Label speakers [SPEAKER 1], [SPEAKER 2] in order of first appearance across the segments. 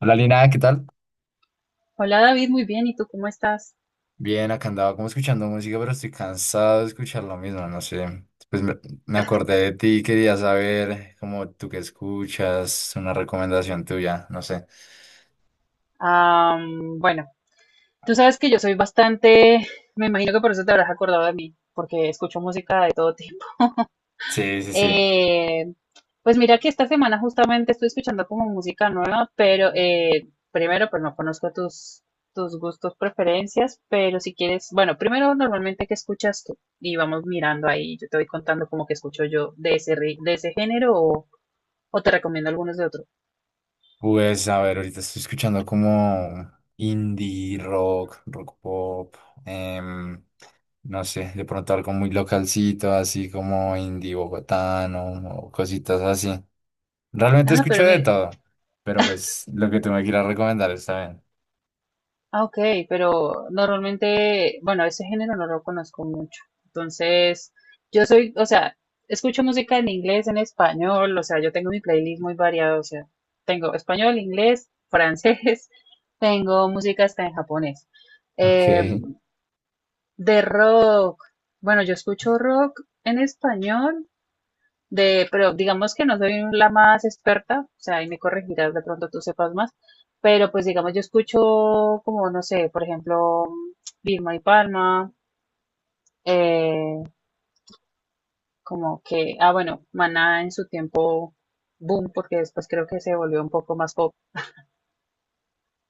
[SPEAKER 1] Hola Lina, ¿qué tal?
[SPEAKER 2] Hola David, muy bien. ¿Y tú cómo estás?
[SPEAKER 1] Bien, acá andaba como escuchando música, pero estoy cansado de escuchar lo mismo, no sé. Pues me acordé de ti, quería saber cómo tú que escuchas, una recomendación tuya, no sé.
[SPEAKER 2] Bueno, tú sabes que yo soy bastante, me imagino que por eso te habrás acordado de mí, porque escucho música de todo tipo.
[SPEAKER 1] Sí, sí, sí.
[SPEAKER 2] Eh, pues mira que esta semana justamente estoy escuchando como música nueva, pero primero, pues no conozco tus gustos, preferencias, pero si quieres, bueno, primero normalmente qué escuchas tú y vamos mirando ahí, yo te voy contando como que escucho yo de de ese género o te recomiendo algunos de otros.
[SPEAKER 1] Pues a ver, ahorita estoy escuchando como indie rock, rock pop, em, no sé, de pronto algo muy localcito, así como indie bogotano o cositas así. Realmente
[SPEAKER 2] Ah,
[SPEAKER 1] escucho
[SPEAKER 2] pero
[SPEAKER 1] de
[SPEAKER 2] mire.
[SPEAKER 1] todo, pero pues lo que tú me quieras recomendar está bien.
[SPEAKER 2] Ah, ok, pero normalmente, bueno, ese género no lo conozco mucho. Entonces, yo soy, o sea, escucho música en inglés, en español, o sea, yo tengo mi playlist muy variado, o sea, tengo español, inglés, francés, tengo música hasta en japonés.
[SPEAKER 1] Ok.
[SPEAKER 2] Eh, de rock, bueno, yo escucho rock en español, de, pero digamos que no soy la más experta, o sea, ahí me corregirás, de pronto tú sepas más, pero pues digamos yo escucho como, no sé, por ejemplo, Vilma y Palma, eh, como que, ah, bueno, Maná en su tiempo, boom, porque después creo que se volvió un poco más pop.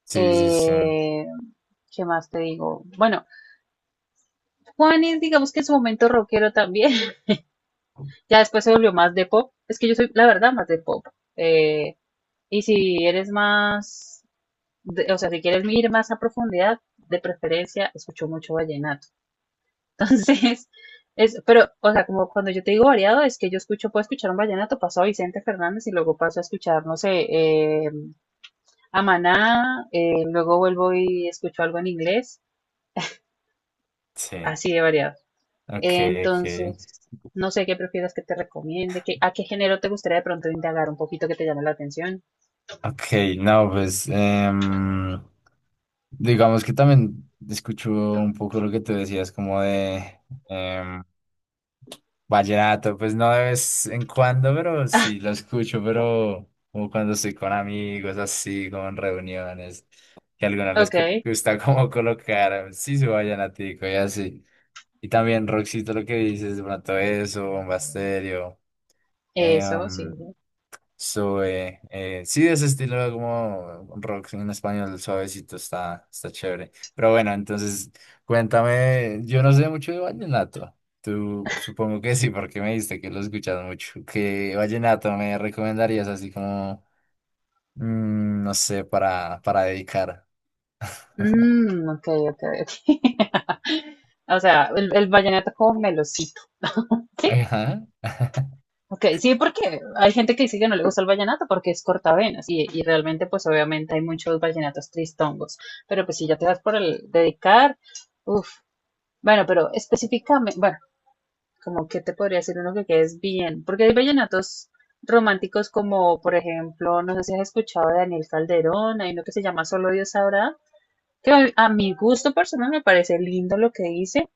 [SPEAKER 1] Sí, sí, sí.
[SPEAKER 2] Eh, ¿Qué más te digo? Bueno, Juanes, digamos que en su momento rockero también, ya después se volvió más de pop, es que yo soy, la verdad, más de pop. Eh, y si eres más o sea, si quieres ir más a profundidad, de preferencia escucho mucho vallenato. Entonces, es, pero, o sea, como cuando yo te digo variado, es que yo escucho, puedo escuchar un vallenato, paso a Vicente Fernández y luego paso a escuchar, no sé, eh, a Maná, luego vuelvo y escucho algo en inglés,
[SPEAKER 1] Sí.
[SPEAKER 2] así de variado.
[SPEAKER 1] Ok, ok.
[SPEAKER 2] Entonces, no sé qué prefieras que te recomiende, que, a qué género te gustaría de pronto indagar un poquito que te llame la atención.
[SPEAKER 1] Ok, no, pues digamos que también escucho un poco lo que tú decías, como de em, vallenato, pues no de vez en cuando, pero sí lo escucho, pero como cuando estoy con amigos, así, como en reuniones, que a algunos les
[SPEAKER 2] Ok,
[SPEAKER 1] gusta como colocar, sí, su vallenatico y así. Y también Roxito, lo que dices, de pronto eso, Bomba Estéreo.
[SPEAKER 2] eso, sí.
[SPEAKER 1] Em, sube, sí, de ese estilo como rock en español suavecito está, está chévere. Pero bueno, entonces cuéntame, yo no sé mucho de vallenato. Tú supongo que sí, porque me dijiste que lo escuchas mucho. ¿Qué vallenato me recomendarías así como, no sé, para dedicar?
[SPEAKER 2] Mm, ok, ok, ok. O sea, el vallenato como melocito, ¿sí?
[SPEAKER 1] Ajá.
[SPEAKER 2] Ok, sí, porque hay gente que dice que no le gusta el vallenato porque es cortavenas y realmente pues obviamente hay muchos vallenatos tristongos, pero pues si ya te das por el dedicar, uff, bueno, pero específicamente, bueno, como que te podría decir uno que quedes bien, porque hay vallenatos románticos como por ejemplo, no sé si has escuchado de Daniel Calderón, hay uno que se llama Solo Dios sabrá, que a mi gusto personal me parece lindo lo que hice.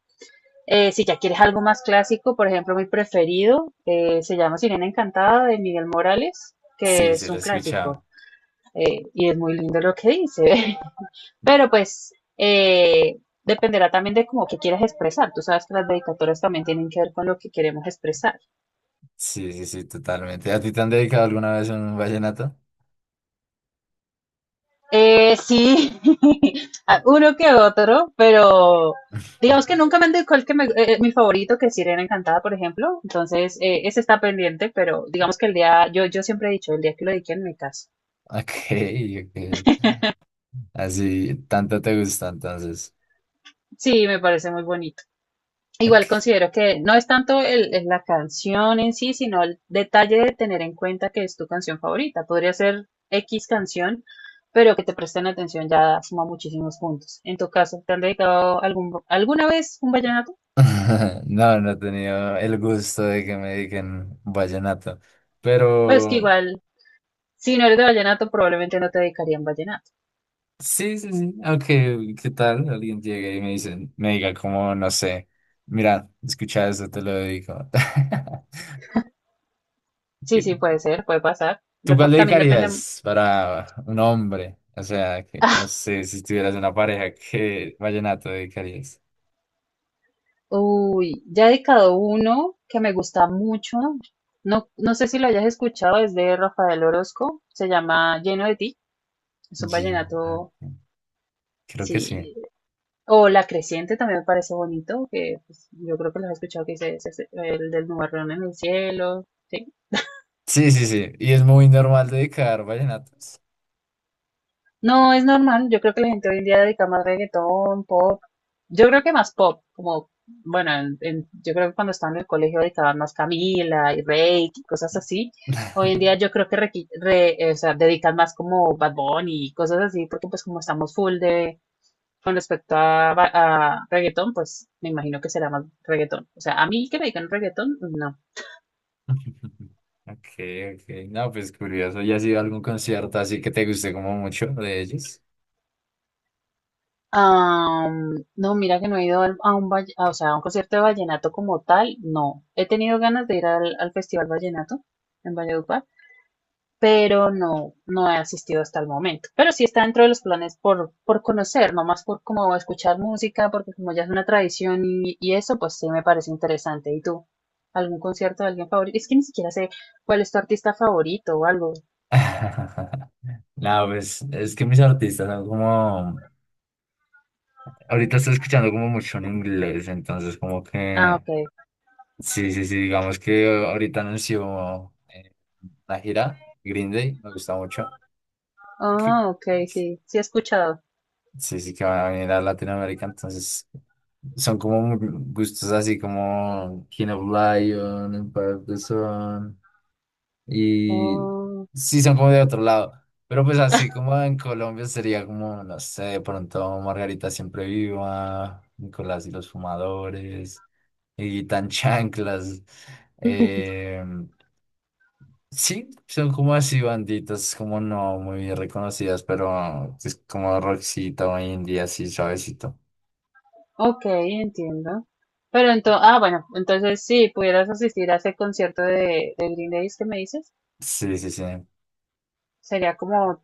[SPEAKER 2] Si ya quieres algo más clásico, por ejemplo, mi preferido se llama Sirena Encantada de Miguel Morales,
[SPEAKER 1] Sí,
[SPEAKER 2] que
[SPEAKER 1] sí,
[SPEAKER 2] es
[SPEAKER 1] lo
[SPEAKER 2] un
[SPEAKER 1] he escuchado.
[SPEAKER 2] clásico y es muy lindo lo que dice. Pero pues dependerá también de cómo que quieras expresar. Tú sabes que las dedicatorias también tienen que ver con lo que queremos expresar.
[SPEAKER 1] Sí, sí, sí, totalmente. ¿A ti te han dedicado alguna vez un vallenato?
[SPEAKER 2] Sí, a- uno que otro, pero digamos que nunca me han dicho cuál que mi favorito, que es Sirena Encantada, por ejemplo. Entonces, ese está pendiente, pero digamos que el día, yo siempre he dicho, el día que lo dediquen me caso.
[SPEAKER 1] Ok, ok. Así, tanto te gusta entonces.
[SPEAKER 2] Sí, me parece muy bonito. Igual
[SPEAKER 1] Ok.
[SPEAKER 2] considero que no es tanto la canción en sí, sino el detalle de tener en cuenta que es tu canción favorita. Podría ser X canción, pero que te presten atención ya suma muchísimos puntos. En tu caso, ¿te han dedicado algún, alguna vez un vallenato?
[SPEAKER 1] No, no he tenido el gusto de que me digan vallenato.
[SPEAKER 2] Pues que
[SPEAKER 1] Pero
[SPEAKER 2] igual, si no eres de vallenato, probablemente no te dedicarían vallenato.
[SPEAKER 1] sí, sí, sí. Aunque, ¿qué tal? Alguien llegue y me dice, me diga como, no sé, mira, escucha esto, te lo dedico.
[SPEAKER 2] Sí, sí, puede ser, puede pasar.
[SPEAKER 1] ¿Tú cuál
[SPEAKER 2] Dep- también depende.
[SPEAKER 1] dedicarías para un hombre? O sea, que no
[SPEAKER 2] Ah,
[SPEAKER 1] sé, si tuvieras una pareja, ¿qué vallenato dedicarías?
[SPEAKER 2] uy, ya he dedicado uno que me gusta mucho. No, no sé si lo hayas escuchado, es de Rafael Orozco. Se llama Lleno de ti. Es un vallenato,
[SPEAKER 1] Vallenato. Creo que sí.
[SPEAKER 2] sí. O La Creciente también me parece bonito, que pues, yo creo que lo has escuchado, que dice "Ese es el del nubarrón en el cielo". Sí.
[SPEAKER 1] Sí, sí, sí. Y es muy normal dedicar vallenatos.
[SPEAKER 2] No, es normal. Yo creo que la gente hoy en día dedica más reggaetón, pop. Yo creo que más pop, como, bueno, yo creo que cuando estaba en el colegio dedicaban más Camila y Reik y cosas así. Hoy en día yo creo que o sea, dedican más como Bad Bunny y cosas así, porque pues como estamos full de, con respecto a reggaetón, pues me imagino que será más reggaetón. O sea, a mí que me dedican reggaetón, no.
[SPEAKER 1] Ok, ok. No, pues curioso. ¿Ya has ido a algún concierto así que te guste como mucho de ellos?
[SPEAKER 2] No, mira que no he ido a un, o sea, a un concierto de vallenato como tal, no. He tenido ganas de ir al Festival Vallenato en Valledupar, pero no, no he asistido hasta el momento. Pero sí está dentro de los planes por conocer, no más por como escuchar música, porque como ya es una tradición y eso, pues sí me parece interesante. ¿Y tú? ¿Algún concierto de alguien favorito? Es que ni siquiera sé cuál es tu artista favorito o algo.
[SPEAKER 1] No, pues es que mis artistas son como... Ahorita estoy escuchando como mucho en inglés, entonces como
[SPEAKER 2] Ah,
[SPEAKER 1] que...
[SPEAKER 2] ok.
[SPEAKER 1] Sí, sí, sí, digamos que ahorita anunció la gira Green Day, me gusta mucho. que-
[SPEAKER 2] Ah, ok, sí, sí he escuchado.
[SPEAKER 1] Sí, sí, que van a venir a Latinoamérica, entonces son como gustos así como King of Lion, Empire of the Sun, y
[SPEAKER 2] Oh.
[SPEAKER 1] sí son como de otro lado, pero pues así como en Colombia sería como, no sé, de pronto Margarita Siempre Viva, Nicolás y los Fumadores, y Tan Chanclas, eh, sí, son como así banditas, como no muy reconocidas, pero es como Roxito o indie, así suavecito.
[SPEAKER 2] Ok, entiendo. Pero entonces, ah, bueno, entonces si pudieras asistir a ese concierto de Green Days que me dices,
[SPEAKER 1] Sí, sí, sí.
[SPEAKER 2] sería como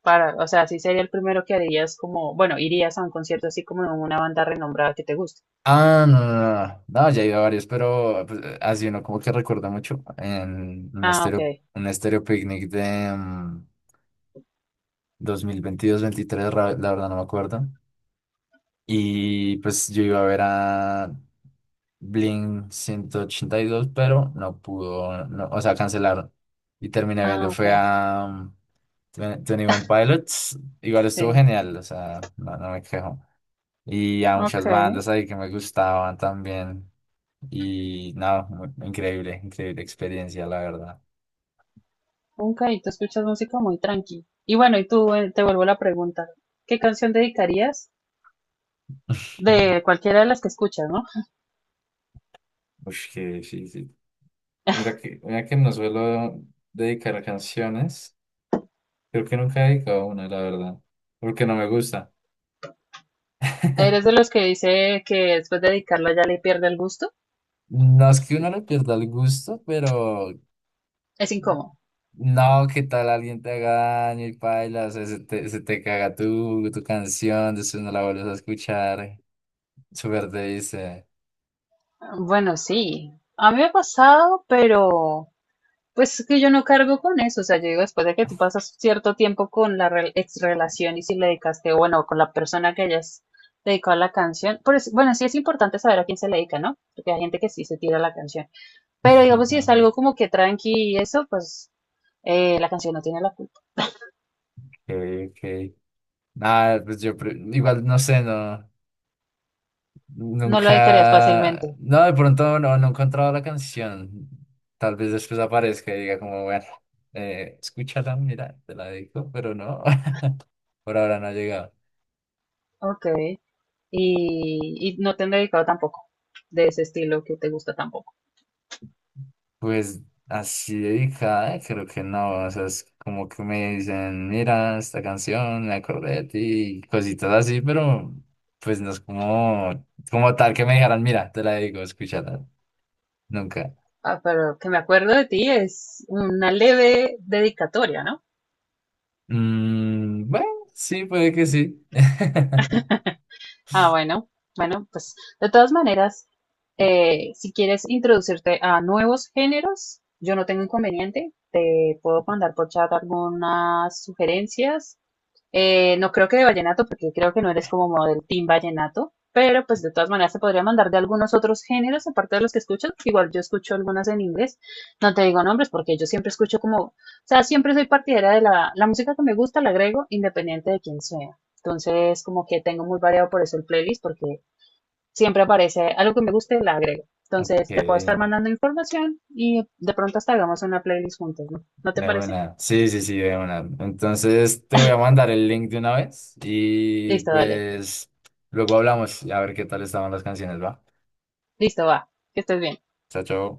[SPEAKER 2] para, o sea, sí sería el primero que harías como, bueno, irías a un concierto así como de una banda renombrada que te guste.
[SPEAKER 1] Ah, no, no, no, no, no, ya he ido a varios, pero pues, así uno como que recuerda mucho en
[SPEAKER 2] Ah, ok,
[SPEAKER 1] un estéreo picnic de 2022-23, la verdad no me acuerdo. Y pues yo iba a ver a Blink-182, pero no pudo, no, o sea, cancelaron. Y terminé
[SPEAKER 2] ah,
[SPEAKER 1] viendo, fue
[SPEAKER 2] ok,
[SPEAKER 1] a 21 Pilots, igual estuvo
[SPEAKER 2] sí,
[SPEAKER 1] genial, o sea, no, no me quejo y a muchas
[SPEAKER 2] ok,
[SPEAKER 1] bandas ahí que me gustaban también. Y nada, increíble, increíble experiencia, la verdad.
[SPEAKER 2] ok, tú escuchas música muy tranqui. Y bueno, y tú, te vuelvo la pregunta, ¿qué canción dedicarías? De cualquiera de las que escuchas, ¿no?
[SPEAKER 1] Uy, que sí, sí. Mira que no suelo dedicar canciones. Creo que nunca he dedicado una, la verdad. Porque no me gusta.
[SPEAKER 2] ¿Eres de los que dice que después de dedicarla ya le pierde el gusto?
[SPEAKER 1] No es que uno le pierda el gusto, pero
[SPEAKER 2] Es incómodo.
[SPEAKER 1] no, que tal alguien te haga daño y paila, o sea, se te caga tu canción, después no la vuelves a escuchar, súper te dice.
[SPEAKER 2] Bueno, sí, a mí me ha pasado, pero pues es que yo no cargo con eso, o sea, yo digo, después de que tú pasas cierto tiempo con la rel- ex relación y si le dedicaste, bueno, con la persona que hayas dedicado a la canción, por eso- bueno, sí es importante saber a quién se le dedica, ¿no? Porque hay gente que sí se tira la canción, pero digamos, si es algo como que tranqui y eso, pues la canción no tiene la culpa,
[SPEAKER 1] Okay, ok. Nada, pues yo igual no sé, no,
[SPEAKER 2] no lo dedicarías
[SPEAKER 1] nunca,
[SPEAKER 2] fácilmente,
[SPEAKER 1] no, de pronto no he encontrado la canción. Tal vez después aparezca y diga como, bueno, escúchala, mira, te la dedico, pero no, por ahora no ha llegado.
[SPEAKER 2] ok, y no te han dedicado tampoco de ese estilo que te gusta tampoco.
[SPEAKER 1] Pues así dedicada, creo que no, o sea, es como que me dicen, mira, esta canción, me acordé de ti, y cositas así, pero pues no es como, como tal que me dijeran, mira, te la dedico, escúchala, nunca.
[SPEAKER 2] Ah, pero que me acuerdo de ti es una leve dedicatoria, ¿no?
[SPEAKER 1] Mm, bueno, sí, puede que sí.
[SPEAKER 2] Ah, bueno, bueno, pues de todas maneras, si quieres introducirte a nuevos géneros, yo no tengo inconveniente, te puedo mandar por chat algunas sugerencias. No creo que de vallenato, porque creo que no eres como model team vallenato, pero pues de todas maneras se podría mandar de algunos otros géneros, aparte de los que escuchas. Igual yo escucho algunas en inglés, no te digo nombres, porque yo siempre escucho como, o sea, siempre soy partidaria de la música que me gusta, la agrego, independiente de quién sea. Entonces, como que tengo muy variado por eso el playlist, porque siempre aparece algo que me guste, la agrego.
[SPEAKER 1] Ok,
[SPEAKER 2] Entonces, te puedo estar
[SPEAKER 1] de
[SPEAKER 2] mandando información y de pronto hasta hagamos una playlist juntos, ¿no? ¿No te parece?
[SPEAKER 1] una. Sí, sí, sí, de una. Entonces te voy a mandar el link de una vez y
[SPEAKER 2] Listo, dale.
[SPEAKER 1] pues luego hablamos y a ver qué tal estaban las canciones, ¿va?
[SPEAKER 2] Listo, va. Que estés bien.
[SPEAKER 1] Chao, chao.